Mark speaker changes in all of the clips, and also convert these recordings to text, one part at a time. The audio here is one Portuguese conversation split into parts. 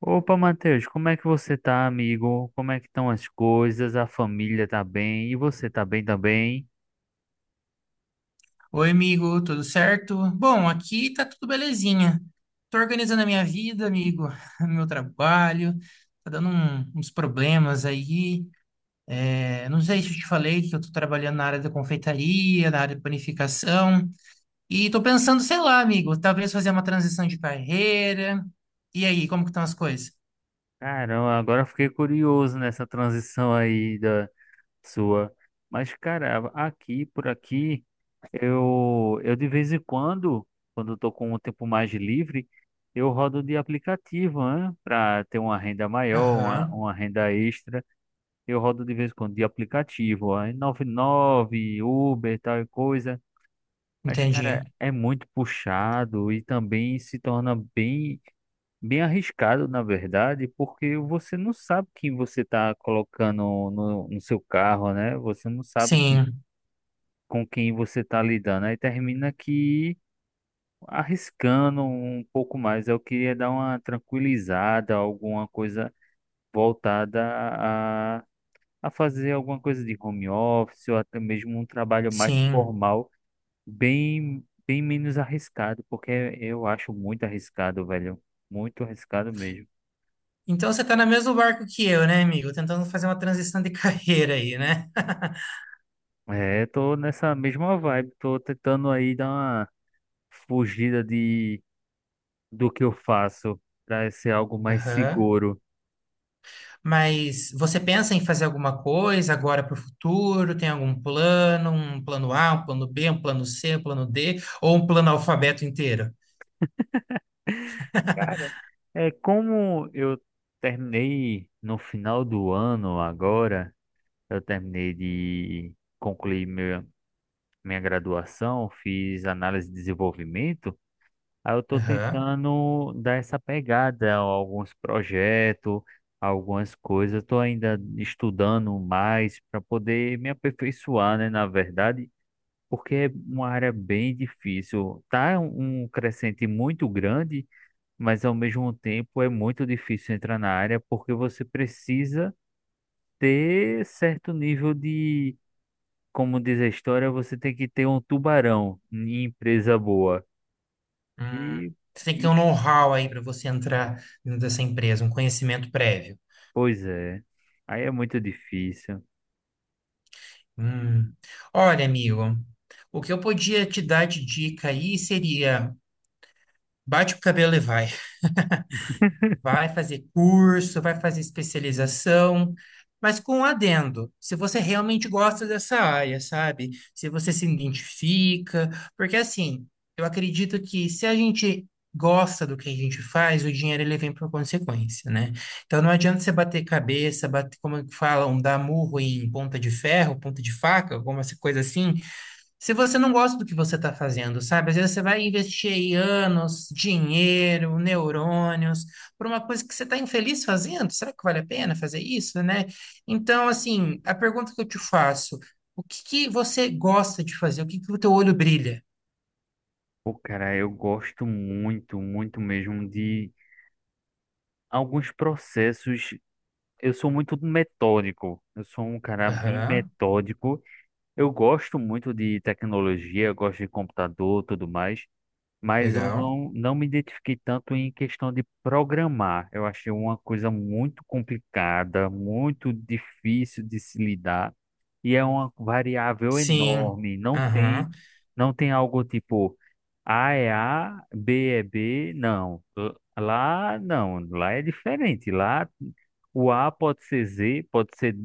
Speaker 1: Opa, Matheus, como é que você tá, amigo? Como é que estão as coisas? A família tá bem? E você tá bem também?
Speaker 2: Oi, amigo, tudo certo? Bom, aqui tá tudo belezinha. Tô organizando a minha vida, amigo, meu trabalho, tá dando uns problemas aí. É, não sei se eu te falei que eu tô trabalhando na área da confeitaria, na área de panificação, e tô pensando, sei lá, amigo, talvez fazer uma transição de carreira. E aí, como que estão as coisas?
Speaker 1: Caramba, agora eu fiquei curioso nessa transição aí da sua. Mas, cara, aqui, por aqui, eu de vez em quando, quando eu tô com um tempo mais livre, eu rodo de aplicativo, né? Para ter uma renda maior, uma,
Speaker 2: Aham,
Speaker 1: uma renda extra. Eu rodo de vez em quando de aplicativo, aí nove, Uber, tal e coisa. Mas,
Speaker 2: entendi.
Speaker 1: cara, é muito puxado e também se torna bem, bem arriscado, na verdade, porque você não sabe quem você está colocando no seu carro, né? Você não sabe
Speaker 2: Sim,
Speaker 1: com quem você está lidando. Aí termina que arriscando um pouco mais. Eu queria dar uma tranquilizada, alguma coisa voltada a, a fazer alguma coisa de home office ou até mesmo um trabalho mais
Speaker 2: sim.
Speaker 1: formal. Bem menos arriscado, porque eu acho muito arriscado, velho. Muito arriscado mesmo.
Speaker 2: Então você tá no mesmo barco que eu, né, amigo? Tentando fazer uma transição de carreira aí, né?
Speaker 1: É, tô nessa mesma vibe, tô tentando aí dar uma fugida de do que eu faço para ser algo mais
Speaker 2: Aham.
Speaker 1: seguro.
Speaker 2: Mas você pensa em fazer alguma coisa agora para o futuro? Tem algum plano? Um plano A, um plano B, um plano C, um plano D? Ou um plano alfabeto inteiro?
Speaker 1: Cara, é como eu terminei no final do ano agora, eu terminei de concluir minha, graduação, fiz análise de desenvolvimento. Aí eu tô
Speaker 2: Aham.
Speaker 1: tentando dar essa pegada a alguns projetos, algumas coisas. Eu tô ainda estudando mais para poder me aperfeiçoar, né, na verdade, porque é uma área bem difícil. Tá um crescente muito grande, mas ao mesmo tempo é muito difícil entrar na área porque você precisa ter certo nível de, como diz a história, você tem que ter um tubarão em empresa boa.
Speaker 2: Hum.
Speaker 1: E
Speaker 2: Você tem que ter
Speaker 1: e
Speaker 2: um know-how aí para você entrar dentro dessa empresa, um conhecimento prévio.
Speaker 1: Pois é, aí é muito difícil.
Speaker 2: Hum. Olha, amigo, o que eu podia te dar de dica aí seria bate o cabelo e vai. Vai fazer curso, vai fazer especialização, mas com um adendo, se você realmente gosta dessa área, sabe? Se você se identifica, porque assim, eu acredito que se a gente gosta do que a gente faz, o dinheiro ele vem por consequência, né? Então não adianta você bater cabeça, bater, como falam, dar murro em ponta de ferro, ponta de faca, alguma coisa assim, se você não gosta do que você está fazendo, sabe? Às vezes você vai investir aí anos, dinheiro, neurônios, por uma coisa que você está infeliz fazendo. Será que vale a pena fazer isso, né? Então, assim, a pergunta que eu te faço, o que que você gosta de fazer? O que que o teu olho brilha?
Speaker 1: Pô, cara, eu gosto muito, muito mesmo de alguns processos. Eu sou muito metódico, eu sou um cara bem
Speaker 2: Aham,
Speaker 1: metódico. Eu gosto muito de tecnologia, eu gosto de computador, tudo mais. Mas eu
Speaker 2: legal.
Speaker 1: não me identifiquei tanto em questão de programar. Eu achei uma coisa muito complicada, muito difícil de se lidar, e é uma variável
Speaker 2: Sim,
Speaker 1: enorme. Não tem,
Speaker 2: aham.
Speaker 1: não tem algo tipo A é A, B é B, não. Lá não, lá é diferente. Lá o A pode ser Z, pode ser,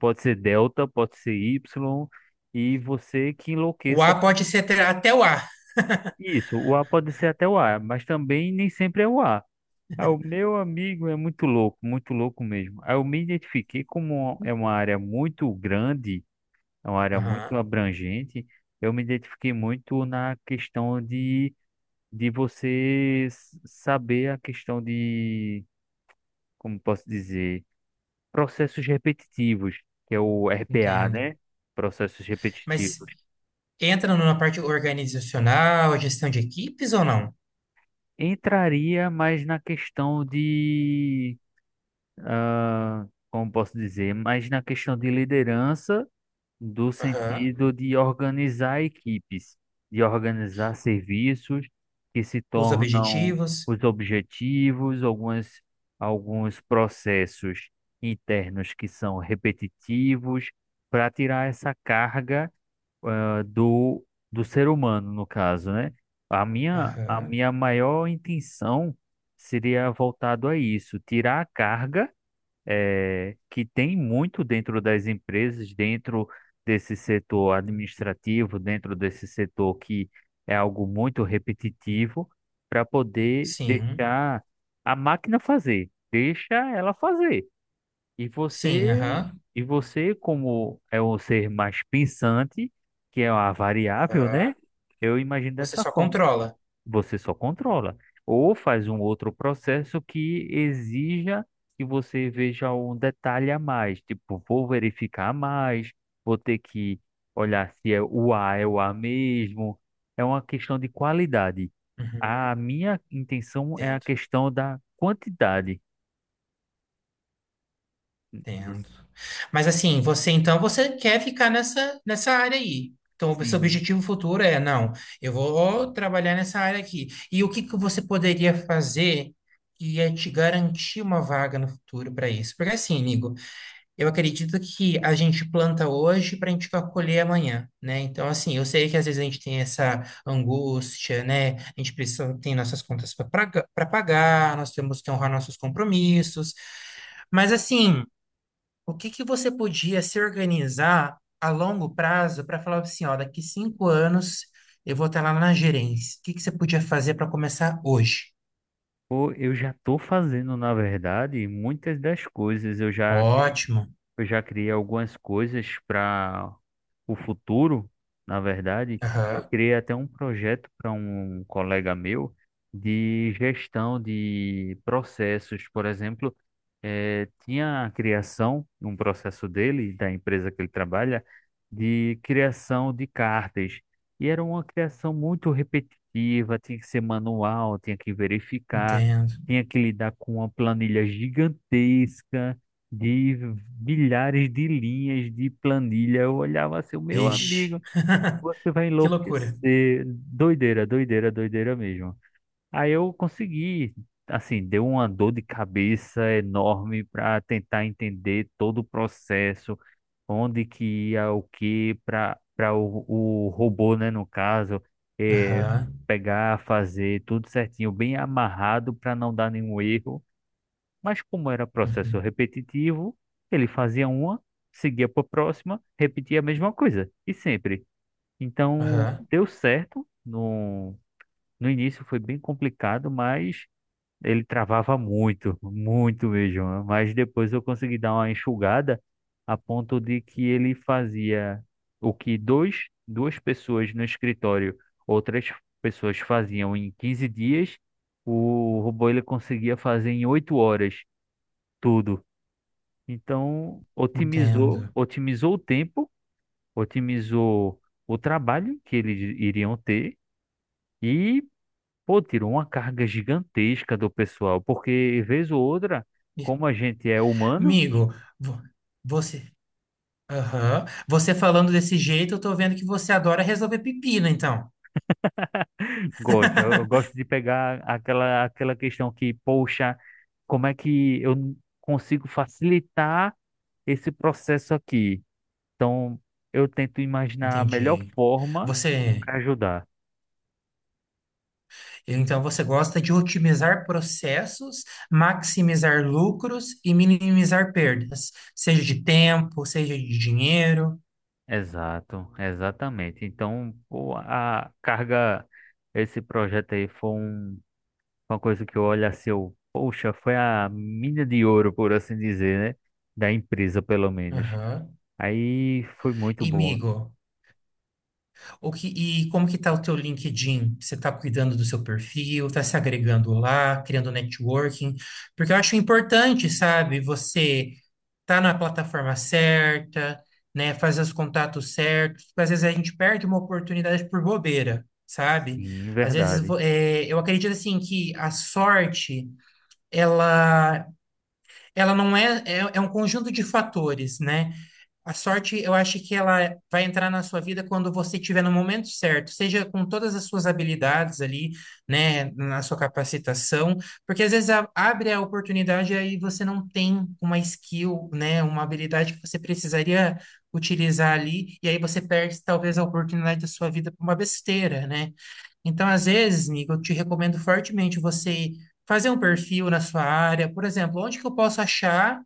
Speaker 1: pode ser delta, pode ser Y, e você que
Speaker 2: O
Speaker 1: enlouqueça
Speaker 2: A pode ser até, até o A.
Speaker 1: isso, o A pode ser até o A, mas também nem sempre é o A. Ah, o meu amigo é muito louco mesmo. Aí eu me identifiquei como é uma área muito grande, é uma área
Speaker 2: Aham,
Speaker 1: muito abrangente. Eu me identifiquei muito na questão de você saber a questão de, como posso dizer, processos repetitivos, que é o RPA,
Speaker 2: entendo.
Speaker 1: né? Processos
Speaker 2: Mas
Speaker 1: repetitivos.
Speaker 2: entra numa parte organizacional, gestão de equipes ou não?
Speaker 1: Entraria mais na questão de como posso dizer, mas na questão de liderança, do
Speaker 2: Aham.
Speaker 1: sentido de organizar equipes, de organizar serviços que se
Speaker 2: Os
Speaker 1: tornam
Speaker 2: objetivos.
Speaker 1: os objetivos, alguns processos internos que são repetitivos, para tirar essa carga, ah, do, do ser humano, no caso, né? A minha, a
Speaker 2: Aham.
Speaker 1: minha maior intenção seria voltado a isso, tirar a carga que tem muito dentro das empresas, dentro desse setor administrativo, dentro desse setor que é algo muito repetitivo, para poder
Speaker 2: Sim.
Speaker 1: deixar a máquina fazer, deixa ela fazer. E
Speaker 2: Sim,
Speaker 1: você,
Speaker 2: aham.
Speaker 1: e você como é um ser mais pensante, que é uma variável,
Speaker 2: Aham.
Speaker 1: né? Eu imagino
Speaker 2: Você
Speaker 1: dessa
Speaker 2: só
Speaker 1: forma.
Speaker 2: controla.
Speaker 1: Você só controla. Ou faz um outro processo que exija que você veja um detalhe a mais. Tipo, vou verificar a mais, vou ter que olhar se é o A é o A mesmo. É uma questão de qualidade.
Speaker 2: Uhum.
Speaker 1: A minha intenção é a
Speaker 2: Entendo,
Speaker 1: questão da quantidade. No-
Speaker 2: entendo. Mas assim, você então você quer ficar nessa área aí. Então, o seu
Speaker 1: Sim.
Speaker 2: objetivo futuro é, não, eu vou trabalhar nessa área aqui. E o que que você poderia fazer que ia te garantir uma vaga no futuro para isso? Porque assim, Nigo, eu acredito que a gente planta hoje para a gente colher amanhã, né? Então, assim, eu sei que às vezes a gente tem essa angústia, né? A gente precisa, tem nossas contas para pagar, nós temos que honrar nossos compromissos. Mas, assim, o que que você podia se organizar a longo prazo para falar assim, ó, daqui 5 anos eu vou estar lá na gerência. O que que você podia fazer para começar hoje?
Speaker 1: Pô, eu já estou fazendo, na verdade, muitas das coisas. Eu já
Speaker 2: Ótimo.
Speaker 1: Eu já criei algumas coisas para o futuro, na verdade. Eu
Speaker 2: Aham,
Speaker 1: criei até um projeto para um colega meu de gestão de processos. Por exemplo, tinha a criação, um processo dele, da empresa que ele trabalha, de criação de cartas. E era uma criação muito repetitiva, tinha que ser manual, tinha que verificar,
Speaker 2: entendo.
Speaker 1: tinha que lidar com uma planilha gigantesca de milhares de linhas de planilha. Eu olhava assim, meu
Speaker 2: Vixe,
Speaker 1: amigo, você vai
Speaker 2: que loucura.
Speaker 1: enlouquecer. Doideira, doideira, doideira mesmo. Aí eu consegui, assim, deu uma dor de cabeça enorme para tentar entender todo o processo, onde que ia o que para o robô, né, no caso, é
Speaker 2: Aham.
Speaker 1: pegar, fazer tudo certinho, bem amarrado para não dar nenhum erro. Mas como era processo
Speaker 2: Uhum.
Speaker 1: repetitivo, ele fazia uma, seguia para a próxima, repetia a mesma coisa, e sempre. Então,
Speaker 2: Aham,
Speaker 1: deu certo. No, no início foi bem complicado, mas ele travava muito, muito mesmo. Mas depois eu consegui dar uma enxugada a ponto de que ele fazia o que duas pessoas no escritório, outras pessoas faziam em 15 dias, o robô ele conseguia fazer em 8 horas tudo. Então, otimizou,
Speaker 2: entendo.
Speaker 1: otimizou o tempo, otimizou o trabalho que eles iriam ter e, pô, tirou uma carga gigantesca do pessoal, porque vez ou outra,
Speaker 2: E,
Speaker 1: como a gente é humano,
Speaker 2: amigo, vo- você, aham, você falando desse jeito, eu tô vendo que você adora resolver pepino, então.
Speaker 1: gosta, eu gosto de pegar aquela questão que, poxa, como é que eu consigo facilitar esse processo aqui? Então, eu tento imaginar a melhor
Speaker 2: Entendi.
Speaker 1: forma
Speaker 2: Você,
Speaker 1: para ajudar.
Speaker 2: então você gosta de otimizar processos, maximizar lucros e minimizar perdas, seja de tempo, seja de dinheiro.
Speaker 1: Exato, exatamente. Então, pô, a carga, esse projeto aí foi uma coisa que eu olho assim, eu, poxa, foi a mina de ouro, por assim dizer, né? Da empresa, pelo menos.
Speaker 2: Aham.
Speaker 1: Aí foi muito
Speaker 2: E,
Speaker 1: bom.
Speaker 2: amigo, o que, e como que tá o teu LinkedIn? Você está cuidando do seu perfil, está se agregando lá, criando networking? Porque eu acho importante, sabe, você tá na plataforma certa, né, faz os contatos certos, porque às vezes a gente perde uma oportunidade por bobeira, sabe?
Speaker 1: Sim,
Speaker 2: Às vezes
Speaker 1: verdade.
Speaker 2: eu acredito assim que a sorte ela ela não é, é é um conjunto de fatores, né? A sorte, eu acho que ela vai entrar na sua vida quando você estiver no momento certo, seja com todas as suas habilidades ali, né, na sua capacitação, porque às vezes abre a oportunidade e aí você não tem uma skill, né, uma habilidade que você precisaria utilizar ali, e aí você perde talvez a oportunidade da sua vida por uma besteira, né? Então, às vezes, Nico, eu te recomendo fortemente você fazer um perfil na sua área, por exemplo, onde que eu posso achar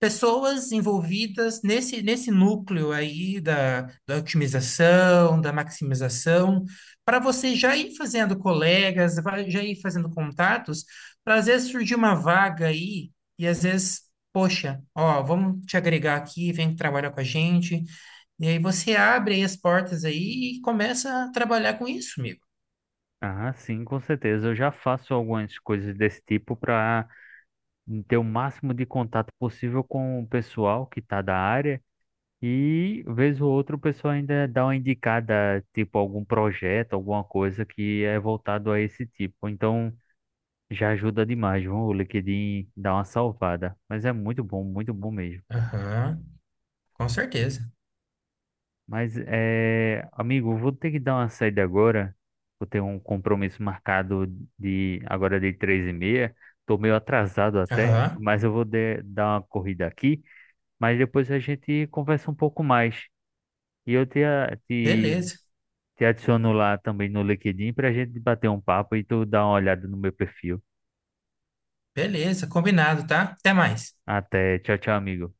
Speaker 2: pessoas envolvidas nesse núcleo aí da otimização, da maximização, para você já ir fazendo colegas, já ir fazendo contatos, para às vezes surgir uma vaga aí, e às vezes, poxa, ó, vamos te agregar aqui, vem trabalhar com a gente, e aí você abre aí as portas aí e começa a trabalhar com isso, amigo.
Speaker 1: Ah, sim, com certeza. Eu já faço algumas coisas desse tipo para ter o máximo de contato possível com o pessoal que está da área. E, vez ou outra, o pessoal ainda dá uma indicada, tipo, algum projeto, alguma coisa que é voltado a esse tipo. Então, já ajuda demais, viu? O LinkedIn dá uma salvada. Mas é muito bom mesmo.
Speaker 2: Aham, com certeza.
Speaker 1: Mas, amigo, vou ter que dar uma saída agora. Vou ter um compromisso marcado de agora de 3:30. Tô meio atrasado até,
Speaker 2: Aham,
Speaker 1: mas eu vou dar uma corrida aqui. Mas depois a gente conversa um pouco mais. E eu te,
Speaker 2: beleza,
Speaker 1: Te adiciono lá também no LinkedIn pra gente bater um papo e tu dá uma olhada no meu perfil.
Speaker 2: beleza, combinado, tá? Até mais.
Speaker 1: Até, tchau, tchau, amigo.